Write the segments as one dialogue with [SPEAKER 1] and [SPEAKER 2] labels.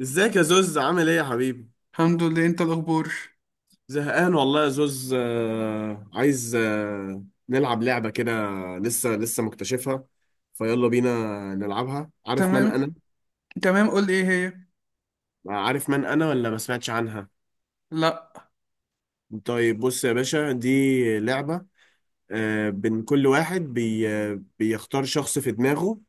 [SPEAKER 1] ازيك يا زوز؟ عامل ايه يا حبيبي؟
[SPEAKER 2] الحمد لله. انت الاخبار؟
[SPEAKER 1] زهقان والله يا زوز. عايز نلعب لعبة كده. لسه مكتشفها. فيلا بينا نلعبها. عارف من
[SPEAKER 2] تمام.
[SPEAKER 1] انا؟
[SPEAKER 2] تمام، قول لي ايه هي.
[SPEAKER 1] عارف من انا ولا ما سمعتش عنها؟
[SPEAKER 2] لا.
[SPEAKER 1] طيب بص يا باشا، دي لعبة. بين كل واحد بي آه، بيختار شخص في دماغه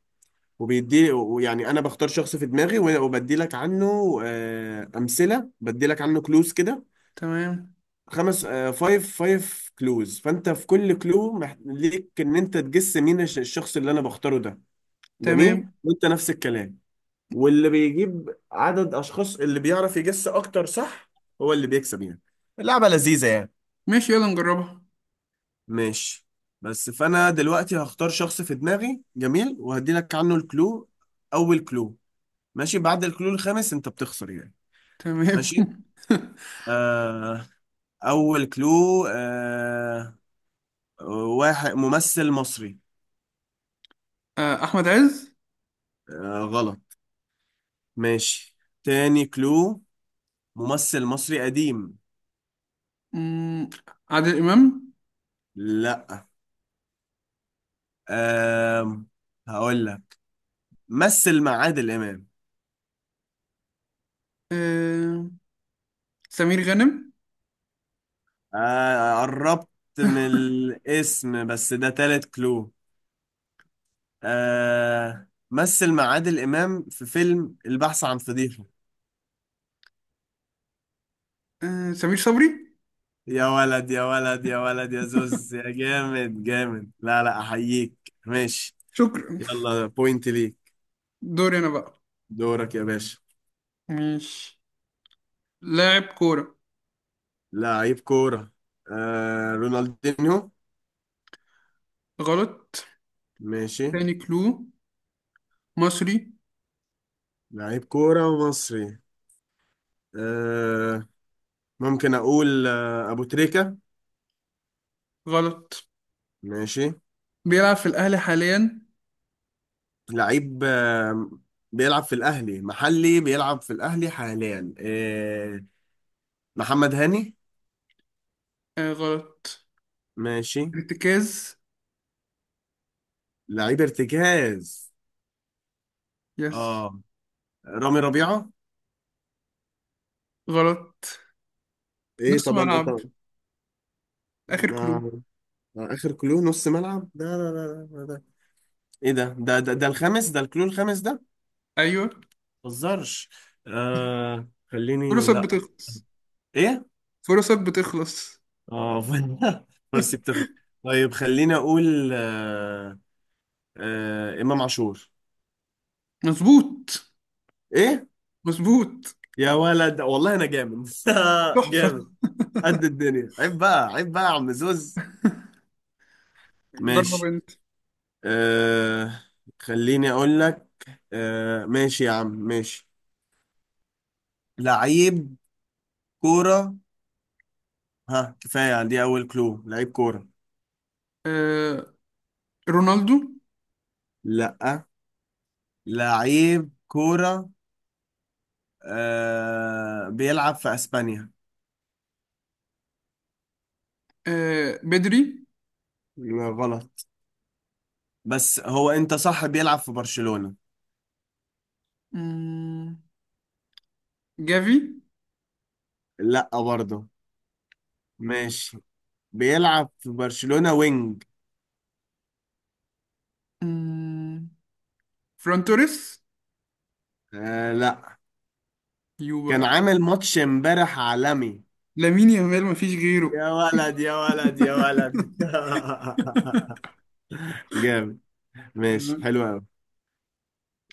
[SPEAKER 1] وبيدي. يعني انا بختار شخص في دماغي وبدي لك عنه امثلة. بدي لك عنه كلوز كده.
[SPEAKER 2] تمام.
[SPEAKER 1] خمس فايف فايف كلوز، فانت في كل كلو ليك ان انت تجس مين الشخص اللي انا بختاره ده. جميل،
[SPEAKER 2] تمام.
[SPEAKER 1] وانت نفس الكلام. واللي بيجيب عدد اشخاص اللي بيعرف يجس اكتر، صح، هو اللي بيكسب يعني. اللعبة لذيذة يعني.
[SPEAKER 2] ماشي، يلا نجربها.
[SPEAKER 1] ماشي. بس فانا دلوقتي هختار شخص في دماغي. جميل، وهدي لك عنه الكلو. اول كلو. ماشي، بعد الكلو الخامس انت بتخسر يعني.
[SPEAKER 2] تمام.
[SPEAKER 1] ماشي. آه. اول كلو. آه. واحد ممثل مصري.
[SPEAKER 2] احمد عز.
[SPEAKER 1] آه، غلط. ماشي. تاني كلو. ممثل مصري قديم.
[SPEAKER 2] مم، عادل امام.
[SPEAKER 1] لا. آه، هقول لك. مثل مع عادل إمام.
[SPEAKER 2] آه، سمير غانم.
[SPEAKER 1] آه، قربت من الاسم. بس ده تالت كلو. آه، مثل مع عادل إمام في فيلم البحث عن فضيحة.
[SPEAKER 2] سمير صبري.
[SPEAKER 1] يا ولد يا ولد يا ولد يا زوز، يا جامد جامد، لا لا، أحييك. ماشي.
[SPEAKER 2] شكرا.
[SPEAKER 1] يلا بوينت ليك.
[SPEAKER 2] دوري انا بقى.
[SPEAKER 1] دورك يا باشا.
[SPEAKER 2] ماشي. لاعب كورة.
[SPEAKER 1] لعيب كورة. آه، رونالدينيو.
[SPEAKER 2] غلط.
[SPEAKER 1] ماشي.
[SPEAKER 2] تاني كلو. مصري.
[SPEAKER 1] لعيب كورة ومصري. آه، ممكن أقول آه أبو تريكة.
[SPEAKER 2] غلط.
[SPEAKER 1] ماشي.
[SPEAKER 2] بيلعب في الاهلي حاليا.
[SPEAKER 1] لعيب آه، بيلعب في الأهلي محلي. بيلعب في الأهلي حاليا. آه، محمد هاني.
[SPEAKER 2] غلط.
[SPEAKER 1] ماشي.
[SPEAKER 2] ارتكاز.
[SPEAKER 1] لعيب ارتكاز.
[SPEAKER 2] يس.
[SPEAKER 1] اه. رامي ربيعة.
[SPEAKER 2] غلط.
[SPEAKER 1] ايه
[SPEAKER 2] نص
[SPEAKER 1] طبعا انت.
[SPEAKER 2] ملعب. آخر كلو.
[SPEAKER 1] ما... ما اخر كلو نص ملعب ده؟ لا لا لا، ده ايه، ده الخامس، ده الكلو الخامس ده.
[SPEAKER 2] أيوه.
[SPEAKER 1] متهزرش. آه، خليني.
[SPEAKER 2] فرصك
[SPEAKER 1] لا.
[SPEAKER 2] بتخلص.
[SPEAKER 1] ايه.
[SPEAKER 2] فرصك بتخلص.
[SPEAKER 1] اه. مرسي بتخرج. طيب خليني اقول آه. آه، امام عاشور.
[SPEAKER 2] مظبوط.
[SPEAKER 1] ايه.
[SPEAKER 2] مظبوط.
[SPEAKER 1] يا ولد والله انا جامد.
[SPEAKER 2] تحفة.
[SPEAKER 1] جامد. قد الدنيا، عيب بقى، عيب بقى يا عم زوز.
[SPEAKER 2] جرب
[SPEAKER 1] ماشي.
[SPEAKER 2] أنت.
[SPEAKER 1] آه، خليني اقول لك. آه، ماشي يا عم ماشي. لعيب كورة. ها، كفاية. دي اول كلو: لعيب كورة.
[SPEAKER 2] آه، رونالدو.
[SPEAKER 1] لا. لعيب كورة. آه، بيلعب في اسبانيا.
[SPEAKER 2] آه، بدري.
[SPEAKER 1] لا، غلط. بس هو انت صح، بيلعب في برشلونة.
[SPEAKER 2] مم، جافي.
[SPEAKER 1] لا برضه. ماشي. بيلعب في برشلونة، وينج.
[SPEAKER 2] مم، فران توريس.
[SPEAKER 1] آه، لا.
[SPEAKER 2] يو
[SPEAKER 1] كان
[SPEAKER 2] بقى.
[SPEAKER 1] عامل ماتش امبارح عالمي.
[SPEAKER 2] لامين يامال مفيش غيره.
[SPEAKER 1] يا ولد يا ولد يا ولد. جامد. ماشي،
[SPEAKER 2] تمام.
[SPEAKER 1] حلو قوي.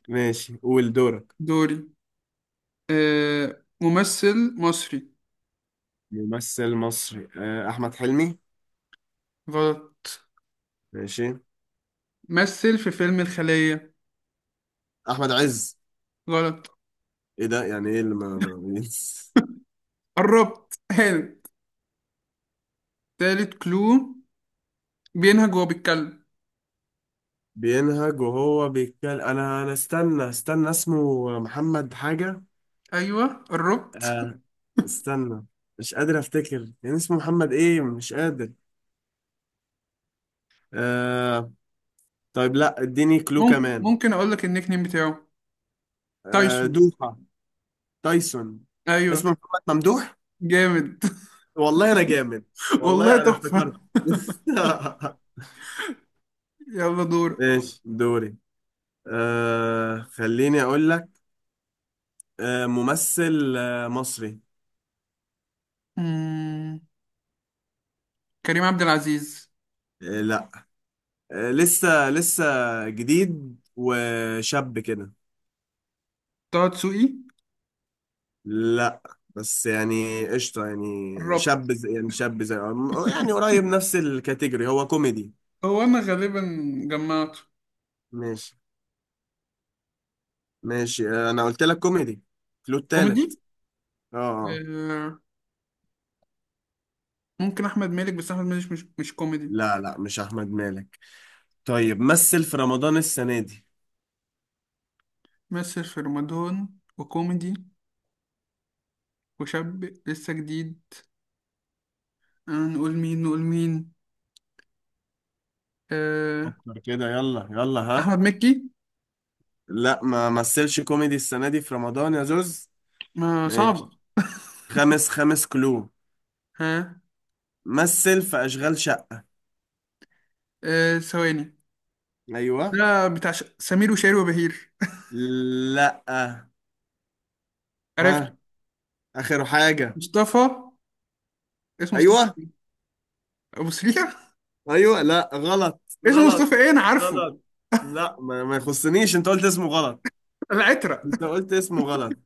[SPEAKER 1] ماشي، قول دورك.
[SPEAKER 2] دوري. آه، ممثل مصري.
[SPEAKER 1] ممثل مصري. آه، احمد حلمي.
[SPEAKER 2] غلط.
[SPEAKER 1] ماشي.
[SPEAKER 2] مثل في فيلم الخلية.
[SPEAKER 1] احمد عز.
[SPEAKER 2] غلط.
[SPEAKER 1] ايه ده؟ يعني ايه اللي ما
[SPEAKER 2] قربت هانت. تالت كلو. بينهج وهو بيتكلم.
[SPEAKER 1] بينهج وهو بيتكلم. انا استنى اسمه محمد حاجة.
[SPEAKER 2] ايوه قربت.
[SPEAKER 1] آه، استنى. مش قادر افتكر يعني. اسمه محمد ايه؟ مش قادر. آه. طيب لا، اديني كلو
[SPEAKER 2] ممكن
[SPEAKER 1] كمان.
[SPEAKER 2] اقول لك النيك نيم بتاعه.
[SPEAKER 1] آه،
[SPEAKER 2] تايسون.
[SPEAKER 1] دوحة. تايسون.
[SPEAKER 2] ايوه.
[SPEAKER 1] اسمه محمد ممدوح.
[SPEAKER 2] جامد.
[SPEAKER 1] والله انا جامد.
[SPEAKER 2] والله
[SPEAKER 1] والله انا
[SPEAKER 2] تحفه.
[SPEAKER 1] افتكرت.
[SPEAKER 2] يلا دور.
[SPEAKER 1] ماشي، دوري. آه، خليني اقول لك. آه، ممثل آه مصري.
[SPEAKER 2] مم. كريم عبد العزيز.
[SPEAKER 1] آه، لا. آه، لسه جديد وشاب كده.
[SPEAKER 2] طه دسوقي.
[SPEAKER 1] لا، بس يعني قشطة، يعني
[SPEAKER 2] قربت.
[SPEAKER 1] شاب زي، يعني شاب زي، يعني قريب نفس الكاتيجوري. هو كوميدي.
[SPEAKER 2] هو انا غالبا جمعته.
[SPEAKER 1] ماشي. ماشي، انا قلت لك كوميدي. كلو
[SPEAKER 2] كوميدي.
[SPEAKER 1] التالت. اه. آه.
[SPEAKER 2] آه، ممكن احمد مالك، بس احمد مالك مش كوميدي.
[SPEAKER 1] لا لا، مش احمد مالك. طيب مثل في رمضان السنة دي.
[SPEAKER 2] مثل في رمضان، وكوميدي، وشاب لسه جديد. نقول مين؟ نقول مين؟ آه،
[SPEAKER 1] فكر كده، يلا يلا ها.
[SPEAKER 2] احمد مكي.
[SPEAKER 1] لا، ما مثلش كوميدي السنة دي في رمضان يا زوز.
[SPEAKER 2] ما صعب.
[SPEAKER 1] ماشي. خامس، خامس كلو.
[SPEAKER 2] ها.
[SPEAKER 1] مثل في اشغال شقة.
[SPEAKER 2] ثواني.
[SPEAKER 1] ايوه.
[SPEAKER 2] ده بتاع سمير وشهير وبهير.
[SPEAKER 1] لا.
[SPEAKER 2] عرفت.
[SPEAKER 1] ها. اخر حاجة.
[SPEAKER 2] مصطفى. اسمه مصطفى
[SPEAKER 1] ايوه.
[SPEAKER 2] ايه؟ ابو سريع.
[SPEAKER 1] ايوه لا، غلط
[SPEAKER 2] اسمه مصطفى
[SPEAKER 1] غلط
[SPEAKER 2] ايه، انا عارفه.
[SPEAKER 1] غلط. لا، ما يخصنيش. انت قلت اسمه غلط.
[SPEAKER 2] العترة.
[SPEAKER 1] انت قلت اسمه غلط.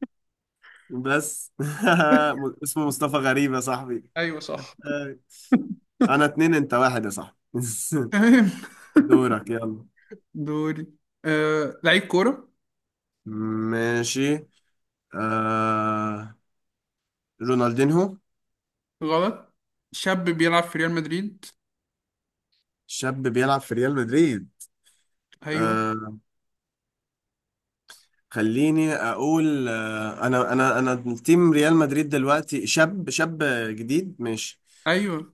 [SPEAKER 1] بس. اسمه مصطفى غريب يا صاحبي.
[SPEAKER 2] ايوه صح.
[SPEAKER 1] آه. انا اتنين، انت واحد يا صاحبي.
[SPEAKER 2] تمام.
[SPEAKER 1] دورك يلا.
[SPEAKER 2] دوري. آه، لعيب كورة.
[SPEAKER 1] ماشي. آه... رونالدينهو.
[SPEAKER 2] غلط. شاب بيلعب في ريال مدريد.
[SPEAKER 1] شاب بيلعب في ريال مدريد.
[SPEAKER 2] ايوه.
[SPEAKER 1] آه... خليني اقول آه... انا التيم ريال مدريد دلوقتي شاب جديد. ماشي.
[SPEAKER 2] ايوه.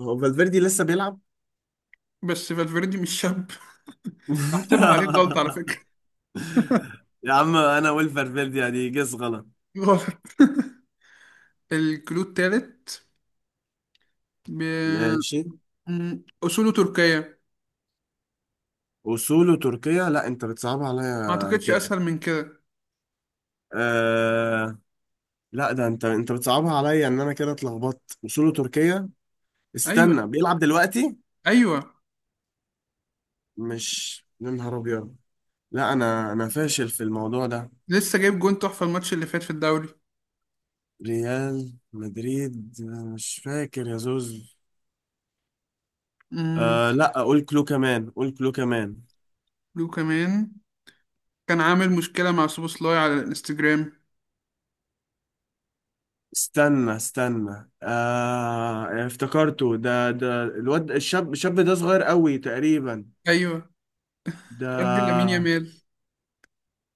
[SPEAKER 1] هو فالفيردي لسه بيلعب.
[SPEAKER 2] بس فالفيردي مش شاب. هحسبها عليك غلط على فكرة.
[SPEAKER 1] يا عم، انا والفرفيرديا دي جس غلط.
[SPEAKER 2] غلط. الكلو التالت. ب...
[SPEAKER 1] ماشي.
[SPEAKER 2] أصوله تركية.
[SPEAKER 1] وصوله تركيا، لا انت بتصعبها
[SPEAKER 2] ما
[SPEAKER 1] عليا
[SPEAKER 2] أعتقدش
[SPEAKER 1] كده.
[SPEAKER 2] أسهل من كده.
[SPEAKER 1] آه... لا، ده انت بتصعبها عليا ان انا كده اتلخبطت. وصوله تركيا.
[SPEAKER 2] أيوه.
[SPEAKER 1] استنى، بيلعب دلوقتي.
[SPEAKER 2] أيوه.
[SPEAKER 1] مش، يا نهار ابيض. لا، انا فاشل في الموضوع ده.
[SPEAKER 2] لسه جايب جون تحفة الماتش اللي فات في الدوري.
[SPEAKER 1] ريال مدريد، أنا مش فاكر يا زوز.
[SPEAKER 2] امم.
[SPEAKER 1] آه، لا. قول كلو كمان، قول كلو كمان.
[SPEAKER 2] لو كمان. كان عامل مشكلة مع سوبوسلاي على الانستجرام.
[SPEAKER 1] استنى آه، افتكرته. ده الواد الشاب، الشاب صغير قوي تقريبا
[SPEAKER 2] ايوه.
[SPEAKER 1] ده.
[SPEAKER 2] ارض لامين يامال.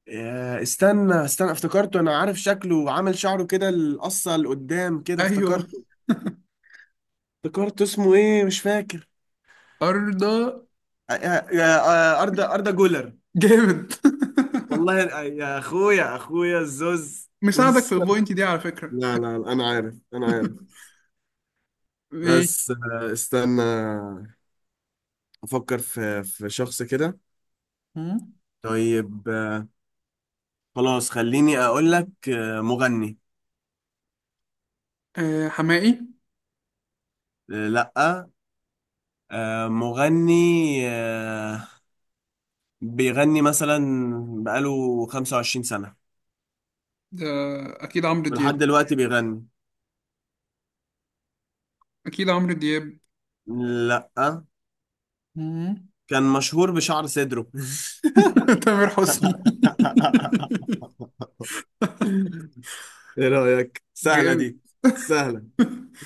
[SPEAKER 1] آه، استنى افتكرته. انا عارف شكله وعامل شعره كده القصة لقدام كده.
[SPEAKER 2] ايوه.
[SPEAKER 1] افتكرته. افتكرته اسمه ايه؟ مش فاكر.
[SPEAKER 2] ارضى.
[SPEAKER 1] آه أردا، أردا جولر.
[SPEAKER 2] جامد.
[SPEAKER 1] والله يا اخويا، اخويا الزوز.
[SPEAKER 2] مساعدك في البوينت دي على فكرة.
[SPEAKER 1] لا لا لا، انا عارف، انا عارف.
[SPEAKER 2] ماشي.
[SPEAKER 1] بس استنى. افكر في شخص كده.
[SPEAKER 2] مم.
[SPEAKER 1] طيب خلاص خليني اقول لك مغني.
[SPEAKER 2] آه، حمائي.
[SPEAKER 1] لا. مغني. آه، بيغني مثلا بقاله 25 سنة،
[SPEAKER 2] ده اكيد عمرو دياب.
[SPEAKER 1] ولحد دلوقتي بيغني.
[SPEAKER 2] اكيد عمرو دياب.
[SPEAKER 1] لا.
[SPEAKER 2] مم.
[SPEAKER 1] كان مشهور بشعر صدره.
[SPEAKER 2] تامر حسني.
[SPEAKER 1] ايه رأيك، سهلة
[SPEAKER 2] جامد.
[SPEAKER 1] دي؟ سهلة.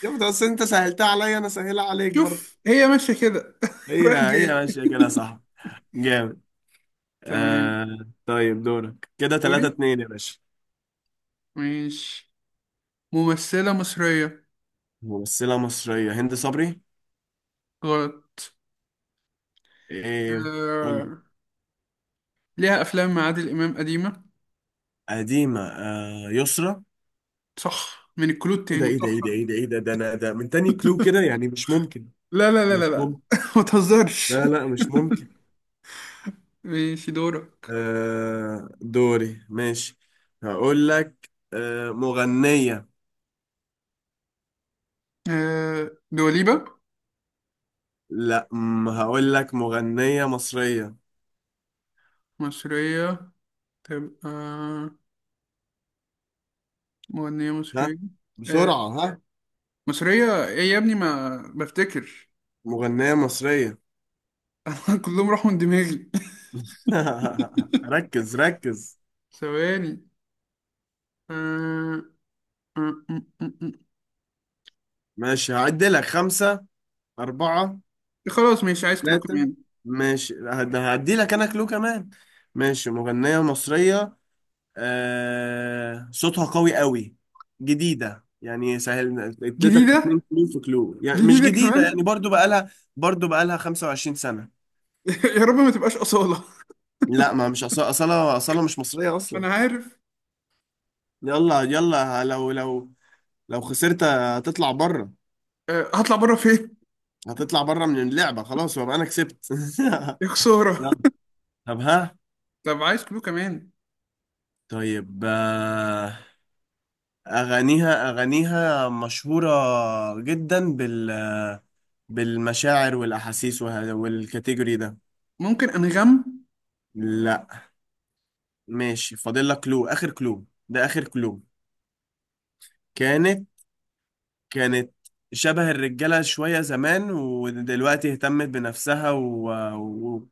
[SPEAKER 1] شفت، اصل انت سهلتها عليا، انا سهلها عليك برضه.
[SPEAKER 2] شوف هي ماشية كده.
[SPEAKER 1] هي
[SPEAKER 2] رايح
[SPEAKER 1] هي
[SPEAKER 2] جاي.
[SPEAKER 1] ماشية كده صح. جامد.
[SPEAKER 2] تمام.
[SPEAKER 1] آه. طيب دورك كده
[SPEAKER 2] دوري.
[SPEAKER 1] 3 2 يا باشا.
[SPEAKER 2] ماشي. ممثلة مصرية.
[SPEAKER 1] ممثلة مصرية. هند صبري.
[SPEAKER 2] غلط.
[SPEAKER 1] ايه. قول.
[SPEAKER 2] آه... ليها أفلام مع عادل إمام قديمة.
[SPEAKER 1] قديمة، آه يسرا.
[SPEAKER 2] صح من الكلود
[SPEAKER 1] ايه ده؟
[SPEAKER 2] تاني،
[SPEAKER 1] ايه ده ايه ده
[SPEAKER 2] صح؟
[SPEAKER 1] ايه ده ايه ده ده انا ده من تاني كلو كده يعني. مش ممكن.
[SPEAKER 2] لا لا لا لا
[SPEAKER 1] مش
[SPEAKER 2] لا.
[SPEAKER 1] ممكن.
[SPEAKER 2] ما تهزرش.
[SPEAKER 1] لا لا، مش ممكن.
[SPEAKER 2] ماشي، دورك.
[SPEAKER 1] آه، دوري. ماشي، هقول لك آه مغنية.
[SPEAKER 2] آه... دواليبة.
[SPEAKER 1] لا، أم، هقول لك مغنية مصرية.
[SPEAKER 2] مصرية تبقى. مغنية
[SPEAKER 1] ها.
[SPEAKER 2] مصرية. آه...
[SPEAKER 1] بسرعة، ها.
[SPEAKER 2] مصرية إيه يا ابني، ما بفتكر.
[SPEAKER 1] مغنية مصرية.
[SPEAKER 2] كلهم راحوا من دماغي.
[SPEAKER 1] ركز ركز.
[SPEAKER 2] ثواني. آه... آه، آه، آه، آه.
[SPEAKER 1] ماشي، هعد لك خمسة، أربعة،
[SPEAKER 2] خلاص ماشي، عايز كلو
[SPEAKER 1] ثلاثة.
[SPEAKER 2] كمان.
[SPEAKER 1] ماشي. هدي لك انا كلو كمان. ماشي، مغنية مصرية. آه... صوتها قوي قوي. جديدة، يعني سهل. اديتك اتنين
[SPEAKER 2] جديدة.
[SPEAKER 1] كلو في كلو، يعني مش
[SPEAKER 2] جديدة
[SPEAKER 1] جديدة يعني.
[SPEAKER 2] كمان.
[SPEAKER 1] برضو بقالها، برضو بقالها 25 سنة.
[SPEAKER 2] يا رب ما تبقاش أصالة.
[SPEAKER 1] لا، ما مش أصالة. أصالة مش مصرية أصلا.
[SPEAKER 2] أنا عارف.
[SPEAKER 1] يلا يلا، لو لو خسرت هتطلع بره.
[SPEAKER 2] آه، هطلع بره فين؟
[SPEAKER 1] هتطلع بره من اللعبة خلاص، وابقى أنا كسبت.
[SPEAKER 2] يا خسارة.
[SPEAKER 1] يلا. طب ها.
[SPEAKER 2] طب عايز كلو كمان.
[SPEAKER 1] طيب أغانيها مشهورة جدا بال، بالمشاعر والأحاسيس والكاتيجوري ده.
[SPEAKER 2] ممكن أنغام.
[SPEAKER 1] لا. ماشي، فاضل لك كلو. آخر كلو ده، آخر كلو. كانت كانت شبه الرجالة شوية زمان، ودلوقتي اهتمت بنفسها و... و...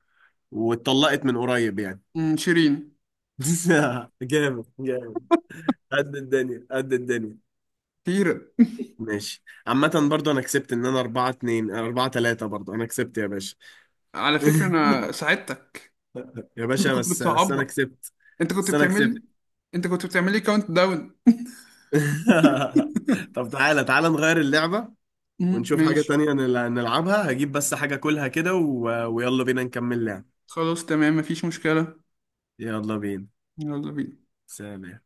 [SPEAKER 1] واتطلقت من قريب يعني.
[SPEAKER 2] مم، شيرين.
[SPEAKER 1] جامد جامد، قد الدنيا قد الدنيا.
[SPEAKER 2] كتير.
[SPEAKER 1] ماشي. عامة برضو أنا كسبت، إن أنا أربعة اتنين، أربعة تلاتة، برضو أنا كسبت يا باشا.
[SPEAKER 2] على فكرة أنا ساعدتك.
[SPEAKER 1] يا
[SPEAKER 2] أنت
[SPEAKER 1] باشا،
[SPEAKER 2] كنت
[SPEAKER 1] بس انا
[SPEAKER 2] بتصعبها.
[SPEAKER 1] كسبت.
[SPEAKER 2] أنت كنت
[SPEAKER 1] بس انا كسبت.
[SPEAKER 2] بتعمل. أنت كنت بتعملي كاونت داون.
[SPEAKER 1] طب تعالى تعالى نغير اللعبة
[SPEAKER 2] مم،
[SPEAKER 1] ونشوف حاجة
[SPEAKER 2] ماشي.
[SPEAKER 1] تانية نلعبها. هجيب بس حاجة كلها كده و... ويلا بينا نكمل لعب.
[SPEAKER 2] خلاص تمام، مفيش مشكلة.
[SPEAKER 1] يلا بينا.
[SPEAKER 2] يلا بينا.
[SPEAKER 1] سلام.